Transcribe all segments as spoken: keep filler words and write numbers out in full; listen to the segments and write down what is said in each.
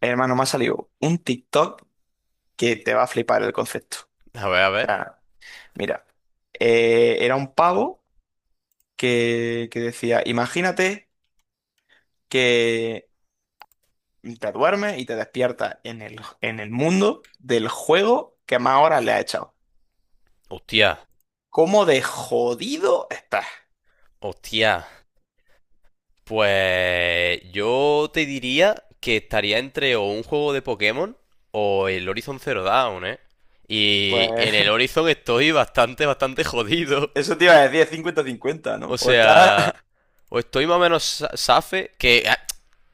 Hermano, me ha salido un TikTok que te va a flipar el concepto. A ver, a O ver. sea, mira, eh, era un pavo que, que decía, imagínate que te duermes y te despiertas en el, en el mundo del juego que más horas le has echado. Hostia, ¿Cómo de jodido estás? hostia. Pues yo te diría que estaría entre o un juego de Pokémon o el Horizon Zero Dawn, ¿eh? Y Pues en el Horizon estoy bastante, bastante jodido. eso te iba a decir, es cincuenta 50, O ¿no? O estás... sea, o estoy más o menos sa- safe, que ah,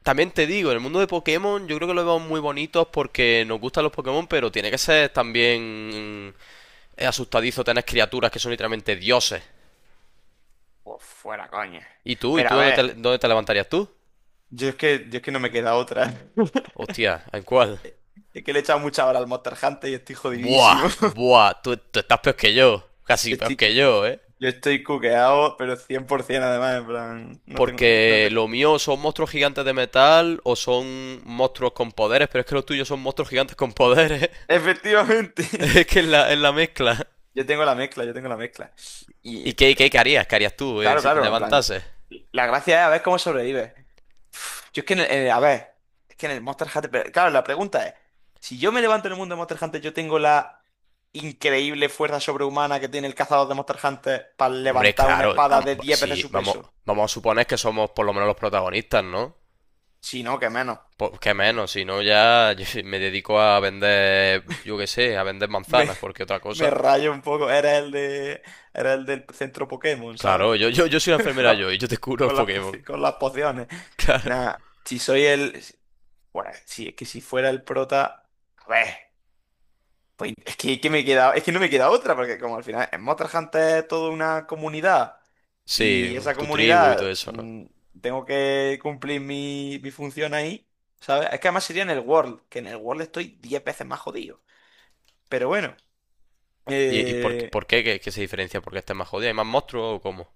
también te digo, en el mundo de Pokémon yo creo que lo vemos muy bonitos porque nos gustan los Pokémon, pero tiene que ser también mm, asustadizo tener criaturas que son literalmente dioses. Pues fuera, coña. ¿Y tú? ¿Y Pero tú a dónde ver, te, dónde te levantarías tú? yo es que, yo es que no me queda otra. Hostia, ¿en cuál? Es que le he echado mucha hora al Monster Hunter y estoy jodidísimo. Buah, buah, tú, tú estás peor que yo. Casi Yo peor que estoy, yo, ¿eh? yo estoy cuqueado, pero cien por ciento además, en plan, no tengo, es que no Porque tengo... lo mío son monstruos gigantes de metal o son monstruos con poderes, pero es que los tuyos son monstruos gigantes con poderes. Efectivamente, Es que es la, es la mezcla. yo tengo la mezcla, yo tengo la mezcla. Y ¿Y qué, qué, qué harías? ¿Qué harías tú eh, claro, si te claro, en plan, levantases? la gracia es a ver cómo sobrevives. Yo es que, en el- eh, a ver, es que en el Monster Hunter, pero claro, la pregunta es, si yo me levanto en el mundo de Monster Hunter, yo tengo la increíble fuerza sobrehumana que tiene el cazador de Monster Hunter para Hombre, levantar una claro, espada am- de diez veces sí, su vamos, peso. vamos a suponer que somos por lo menos los protagonistas, ¿no? Si no, que menos. Pues qué menos, si no ya me dedico a vender, yo qué sé, a vender Me, manzanas, porque otra me cosa. rayo un poco. Era el de, era el del centro Pokémon, ¿sabes? Claro, yo, yo, yo soy la enfermera La- yo y yo te curo los con las, poci- Pokémon. con las pociones. Claro. Nada, si soy el. Bueno, si es que si fuera el prota. A ver, pues es que, que me queda, es que no me queda otra, porque como al final en Monster Hunter es toda una comunidad. Sí, Y esa tu tribu y todo comunidad, eso, ¿no? mm, tengo que cumplir mi, mi función ahí, ¿sabes? Es que además sería en el World, que en el World estoy diez veces más jodido. Pero bueno. ¿Y, y por, eh, por qué que, que se diferencia? ¿Porque está más jodida? ¿Hay más monstruos o cómo?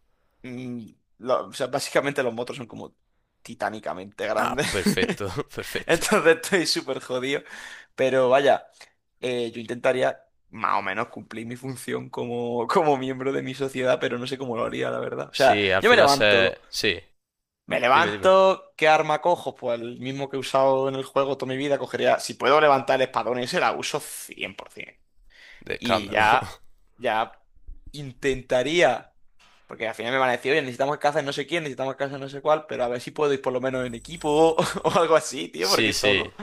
Mm, lo- o sea, básicamente los motos son como titánicamente Ah, grandes. perfecto, perfecto. Entonces estoy súper jodido. Pero vaya, eh, yo intentaría más o menos cumplir mi función como, como miembro de mi sociedad, pero no sé cómo lo haría, la verdad. O sea, Sí, al yo me final se... levanto. Sí, Me dime, dime. levanto, ¿qué arma cojo? Pues el mismo que he usado en el juego toda mi vida, cogería, si puedo levantar el espadón ese, la uso cien por ciento. De Y escándalo. ya, ya intentaría. Porque al final me van a decir, oye, necesitamos casa en no sé quién, necesitamos casa en no sé cuál, pero a ver si puedo ir por lo menos en equipo o, algo así, tío, porque Sí, sí. solo.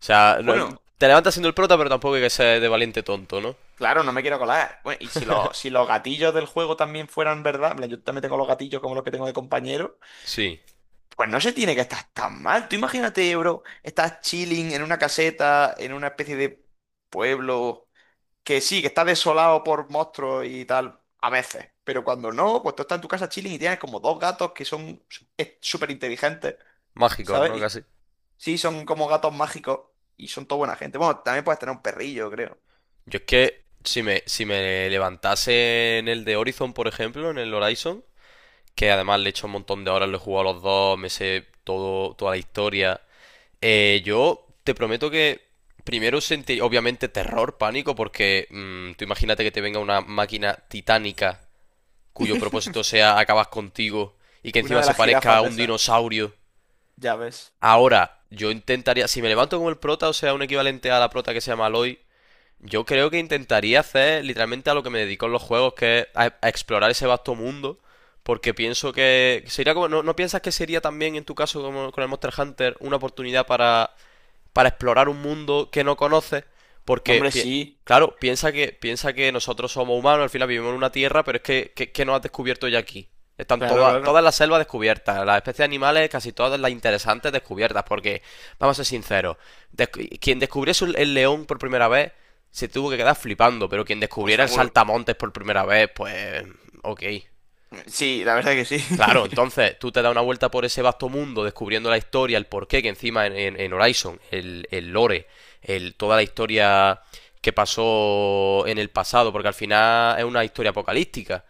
O sea, no- Bueno, te levantas siendo el prota, pero tampoco hay que ser de valiente tonto, ¿no? claro, no me quiero colar. Bueno, y si, los si los gatillos del juego también fueran verdad, en plan, yo también tengo los gatillos como los que tengo de compañero, Sí, pues no se tiene que estar tan mal. Tú imagínate, bro, estás chilling en una caseta, en una especie de pueblo, que sí, que está desolado por monstruos y tal, a veces. Pero cuando no, pues tú estás en tu casa chilling y tienes como dos gatos que son súper inteligentes. mágico, ¿Sabes? ¿no? Y- Casi. Sí, son como gatos mágicos y son toda buena gente. Bueno, también puedes tener un perrillo, creo. Yo es que si me, si me levantase en el de Horizon, por ejemplo, en el Horizon, que además le he hecho un montón de horas, lo he jugado a los dos, me sé todo, toda la historia. Eh, yo te prometo que primero sentí, obviamente, terror, pánico, porque mm, tú imagínate que te venga una máquina titánica cuyo propósito sea acabar contigo y que Una encima de se las parezca jirafas a de un esas, dinosaurio. ya ves. Ahora, yo intentaría, si me levanto como el prota, o sea, un equivalente a la prota que se llama Aloy, yo creo que intentaría hacer literalmente a lo que me dedico en los juegos, que es a, a explorar ese vasto mundo, porque pienso que sería como, ¿no, no piensas que sería también en tu caso como con el Monster Hunter una oportunidad para para explorar un mundo que no conoces, No, porque, hombre, pi- sí. claro, piensa que, piensa que nosotros somos humanos, al final vivimos en una tierra, pero es que, que, que no has descubierto ya aquí. Están Claro, todas, claro. todas las selvas descubiertas, las especies animales, casi todas las interesantes descubiertas, porque, vamos a ser sinceros, descu- quien descubriese el león por primera vez se tuvo que quedar flipando, pero quien Pues descubriera el seguro. saltamontes por primera vez, pues, ok. Sí, la verdad que sí. Claro, entonces tú te das una vuelta por ese vasto mundo descubriendo la historia, el porqué, que encima en, en- en Horizon, el, el lore, el, toda la historia que pasó en el pasado, porque al final es una historia apocalíptica.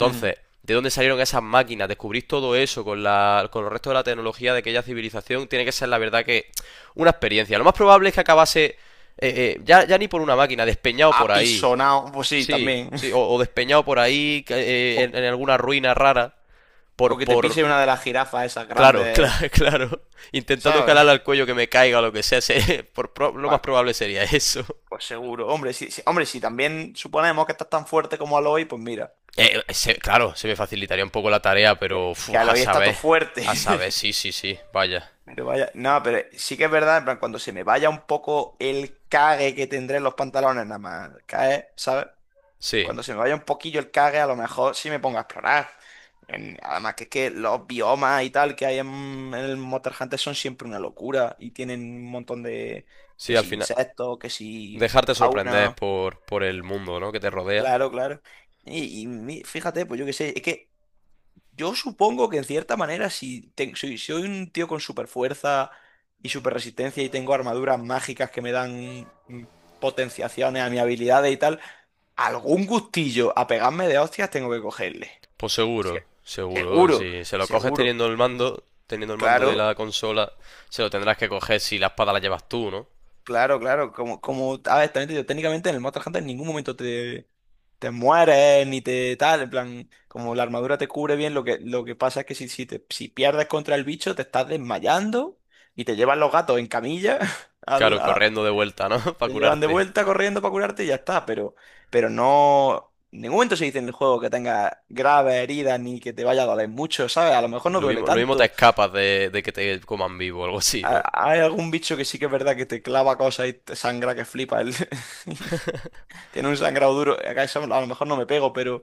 Mm. ¿de dónde salieron esas máquinas? Descubrir todo eso con la, con el resto de la tecnología de aquella civilización tiene que ser la verdad que una experiencia. Lo más probable es que acabase eh, eh, ya, ya ni por una máquina, despeñado por ahí. Apisonado, pues sí, Sí, también. sí, o, o despeñado por ahí eh, en O, en alguna ruina rara o por, que te por, pise una de las jirafas esas claro, claro, grandes, claro, intentando ¿sabes? calarle al cuello que me caiga o lo que sea, se- por, pro- lo más Vale, probable sería eso. pues seguro. Hombre, sí, sí. Hombre, si también suponemos que estás tan fuerte como Aloy, pues mira, Eh, se- claro, se me facilitaría un poco la tarea, que, pero fu, que a Aloy está todo saber, fuerte. a saber, sí, sí, sí, vaya. Pero vaya, no, pero sí que es verdad, en plan, cuando se me vaya un poco el cague que tendré en los pantalones, nada más cae, ¿sabes? Sí, Cuando se me vaya un poquillo el cague, a lo mejor sí me pongo a explorar. En- Además que es que los biomas y tal que hay en, en el Monster Hunter son siempre una locura y tienen un montón de, sí, que al si final. insectos, que si Dejarte sorprender fauna, por, por el mundo, ¿no? que te rodea. claro, claro. Y, y mi- fíjate, pues yo qué sé, es que yo supongo que en cierta manera, si, te- si si soy un tío con super fuerza y super resistencia y tengo armaduras mágicas que me dan mm, potenciaciones a mis habilidades y tal, algún gustillo a pegarme de hostias tengo que cogerle. Pues seguro, Se- seguro, Seguro, si se lo coges seguro. teniendo el mando, teniendo el mando de Claro, la consola, se lo tendrás que coger si la espada la llevas tú, ¿no? claro, claro. Como, como, a ver, también te digo, técnicamente en el Monster Hunter en ningún momento te te mueres ni te tal, en plan, como la armadura te cubre bien, lo que, lo que pasa es que si, si, te, si pierdes contra el bicho te estás desmayando y te llevan los gatos en camilla, al- Claro, a- corriendo de vuelta, ¿no? Para te llevan de curarte. vuelta corriendo para curarte y ya está, pero, pero, no, en ningún momento se dice en el juego que tengas graves heridas ni que te vaya a doler mucho, ¿sabes? A lo mejor Sí. no Lo duele mismo, lo mismo te tanto. escapas de, de que te coman vivo o algo así, ¿no? A- Hay algún bicho que sí que es verdad que te clava cosas y te sangra que flipa el... Tiene un sangrado duro. Acá eso a lo mejor no me pego, pero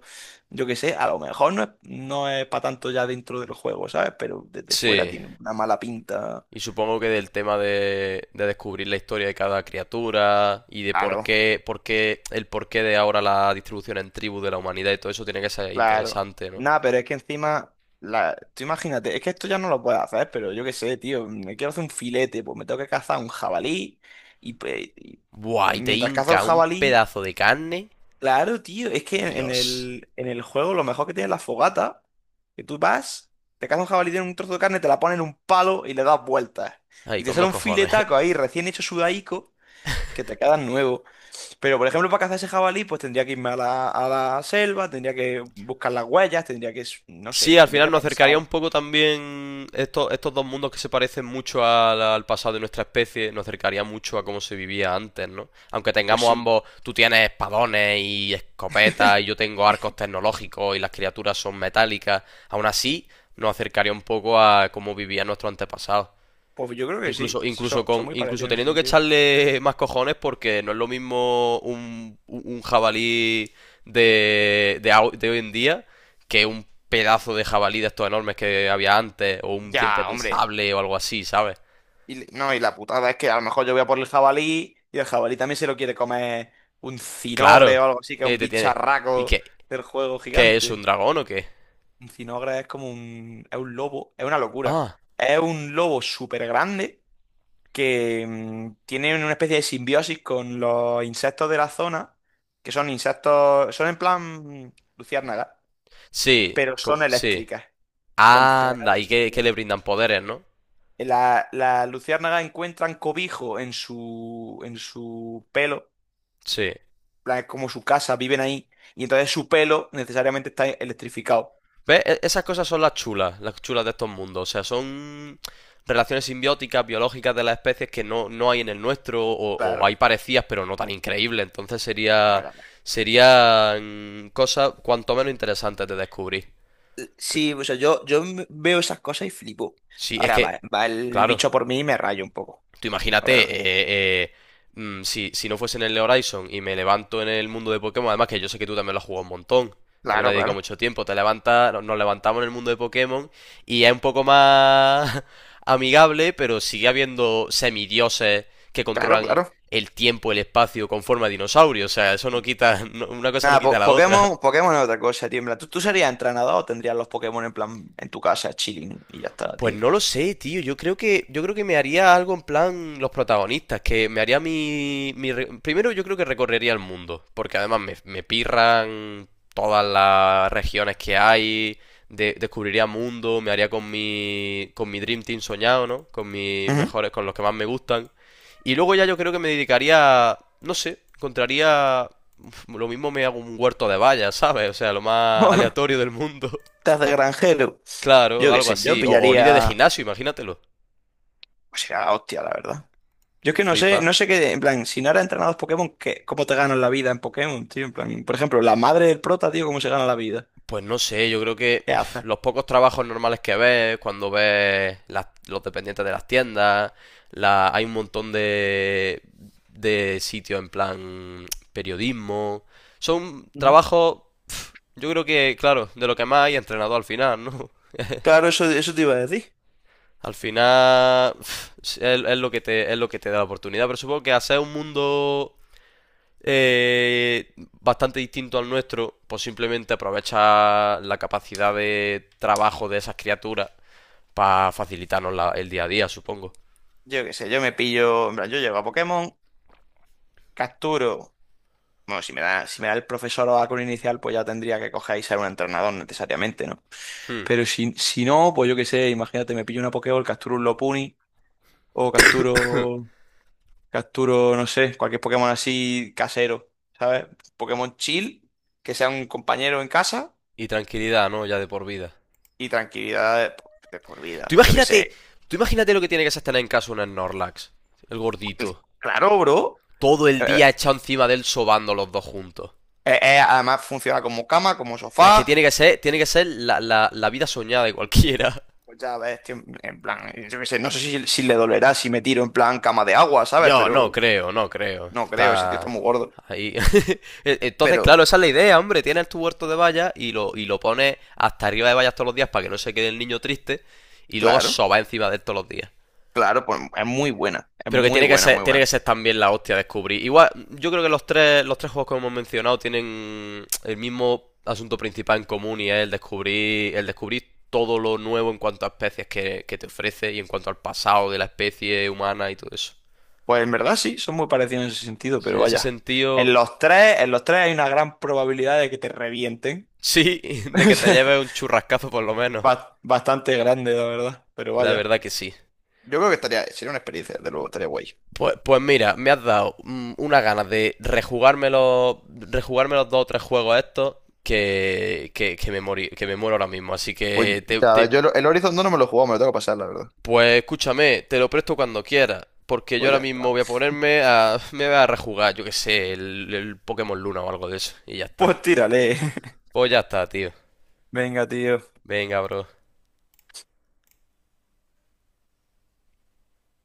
yo qué sé, a lo mejor no es, no es para tanto ya dentro del juego, ¿sabes? Pero desde fuera Sí. tiene una mala pinta. Y supongo que del tema de, de descubrir la historia de cada criatura y de por Claro, qué, por qué, el porqué de ahora la distribución en tribus de la humanidad y todo eso tiene que ser claro. interesante, ¿no? Nada, pero es que encima, la... tú imagínate, es que esto ya no lo puedes hacer, pero yo qué sé, tío, me quiero hacer un filete, pues me tengo que cazar un jabalí y, pues, y Buah, y te mientras cazo el hinca un jabalí. pedazo de carne. Claro, tío, es que en Dios. el, en el juego lo mejor que tiene es la fogata, que tú vas, te cazas un jabalí, tiene un trozo de carne, te la pones en un palo y le das vueltas. Ay, Y te con sale dos un cojones. filetaco ahí, recién hecho sudaico, que te queda nuevo. Pero, por ejemplo, para cazar ese jabalí, pues tendría que irme a la, a la selva, tendría que buscar las huellas, tendría que, s- no sé, Sí, al tendría que final nos acercaría un pensar. poco también estos, estos dos mundos que se parecen mucho al, al pasado de nuestra especie, nos acercaría mucho a cómo se vivía antes, ¿no? Aunque Pues tengamos sí, ambos, tú tienes espadones y escopetas y yo tengo arcos tecnológicos y las criaturas son metálicas, aún así nos acercaría un poco a cómo vivían nuestros antepasados. pues yo creo que Incluso, sí, sí, son, incluso son con, muy incluso parecidos en ese teniendo que sentido. echarle más cojones, porque no es lo mismo un, un jabalí de, de, au- de hoy en día que un pedazo de jabalí de estos enormes que había antes, o un diente Ya, de hombre. sable o algo así, ¿sabes? Y, le- no, y la putada es que a lo mejor yo voy a por el jabalí y el jabalí también se lo quiere comer un cinogre Claro, o algo así, que es y ahí un te tiene. ¿Y bicharraco qué? del juego ¿Qué es un gigante. dragón o qué? Un cinogre es como un... es un lobo, es una locura. Ah, Es un lobo súper grande que mm, tiene una especie de simbiosis con los insectos de la zona, que son insectos, son en plan mm, luciérnagas, sí, pero como, son sí. eléctricas. En plan, Anda, general, y que, que le brindan poderes, ¿no? La, la luciérnaga encuentran cobijo en su, en su pelo, Sí. en plan, es como su casa, viven ahí, y entonces su pelo necesariamente está electrificado. ¿Ves? E- Esas cosas son las chulas, las chulas de estos mundos. O sea, son relaciones simbióticas, biológicas de las especies que no, no hay en el nuestro, o, o Claro. hay parecidas, pero no tan increíbles. Entonces No, sería, ya. serían cosas cuanto menos interesantes de descubrir. Ves. Sí, o sea, yo, yo m- veo esas cosas y flipo. Sí, es Ahora que, va, va el claro. bicho por mí y me rayo un poco, Tú la imagínate, verdad. eh, eh, mm, si, si no fuese en el Horizon y me levanto en el mundo de Pokémon, además que yo sé que tú también lo has jugado un montón, también lo Claro, has dedicado claro. mucho tiempo, te levantas, no- nos levantamos en el mundo de Pokémon y es un poco más amigable, pero sigue habiendo semidioses que Claro, controlan claro. el tiempo, el espacio con forma de dinosaurio, o sea, eso no quita, no- una cosa no Nada, quita po- la otra. Pokémon, Pokémon es otra cosa, tío. En plan, ¿tú, tú serías entrenador o tendrías los Pokémon en plan en tu casa, chilling y ya está, Pues tío? no lo sé, tío. Yo creo que, yo creo que me haría algo en plan los protagonistas, que me haría mi, mi re- Primero yo creo que recorrería el mundo, porque además me, me pirran todas las regiones que hay, de- descubriría mundo, me haría con mi, con mi Dream Team soñado, ¿no? Con mis Ujú. mejores, con los que más me gustan. Y luego ya yo creo que me dedicaría, no sé, encontraría... Uf, lo mismo me hago un huerto de vallas, ¿sabes? O sea, lo más aleatorio del mundo. Estás de granjero. Yo Claro, qué algo sé, yo así. O, o líder de pillaría. gimnasio, imagínatelo. O sea, la hostia, la verdad. Yo es que no sé, Flipa. no sé qué, en plan, si no eras entrenador Pokémon, ¿qué, cómo te ganas la vida en Pokémon, tío? En plan, por ejemplo, la madre del prota, tío, ¿cómo se gana la vida? Pues no sé, yo creo que ¿Qué uf, hace? los pocos trabajos normales que ves, cuando ves las- los dependientes de las tiendas, la, hay un montón de, de sitios en plan periodismo. Son Ujú. trabajos, uf, yo creo que, claro, de lo que más hay entrenador al final, ¿no? Claro, eso, eso te iba a decir. Al final, uf, es, es lo que te, es lo que te da la oportunidad, pero supongo que hacer un mundo eh, bastante distinto al nuestro, pues simplemente aprovecha la capacidad de trabajo de esas criaturas para facilitarnos la- el día a día, supongo. Yo qué sé, yo me pillo, en plan, yo llego a Pokémon, capturo. Bueno, si me da, si me da el profesor o con inicial, pues ya tendría que coger y ser un entrenador necesariamente, ¿no? Hmm. Pero si, si no, pues yo qué sé, imagínate, me pillo una Pokéball, capturo un Lopunny o capturo. Capturo, no sé, cualquier Pokémon así casero, ¿sabes? Pokémon chill, que sea un compañero en casa Y tranquilidad, ¿no? Ya de por vida. y tranquilidad de, por de por Tú vida. Yo qué imagínate, sé. tú imagínate lo que tiene que ser tener en casa un Snorlax, el gordito, Claro, bro. todo el Eh, eh, día echado encima de él sobando los dos juntos. eh, eh, además funciona como cama, como Es que sofá. tiene que ser, tiene que ser la, la- la vida soñada de cualquiera. Pues ya ves, tío, en plan, yo qué sé, no sé si, si le dolerá si me tiro en plan cama de agua, ¿sabes? Yo no Pero creo, no creo. no creo, ese tío está Está muy gordo. ahí. E- Entonces, Pero, claro, esa es la idea, hombre. Tienes tu huerto de vallas y lo, y lo pones hasta arriba de vallas todos los días para que no se quede el niño triste y luego claro, soba encima de él todos los días. claro, pues es muy buena, es Pero que muy tiene que buena, ser, muy tiene que buena. ser también la hostia descubrir. Igual, yo creo que los tres, los tres juegos que hemos mencionado tienen el mismo asunto principal en común y es el descubrir, el descubrir todo lo nuevo en cuanto a especies que, que te ofrece y en cuanto al pasado de la especie humana y todo eso. Pues en verdad sí, son muy parecidos en ese sentido, pero En ese vaya. En sentido, los tres, en los tres hay una gran probabilidad de que te revienten. sí, de que te lleves un churrascazo por lo menos. ba- Bastante grande, la verdad. Pero La vaya. verdad que sí. Yo creo que estaría, sería una experiencia, desde luego, estaría guay. Pues, pues mira, me has dado mm, una ganas de rejugarme los, rejugarme los dos o tres juegos estos que, que, que me morí- que me muero ahora mismo. Así Pues que te, ya, ves, te- yo el el Horizon no, no me lo he jugado, me lo tengo que pasar, la verdad. pues escúchame, te lo presto cuando quieras. Porque yo Pues ahora ya mismo está. voy a ponerme a, me voy a rejugar, yo que sé, el, el Pokémon Luna o algo de eso. Y ya está. Pues tírale. Pues ya está, tío. Venga, tío. Venga, bro.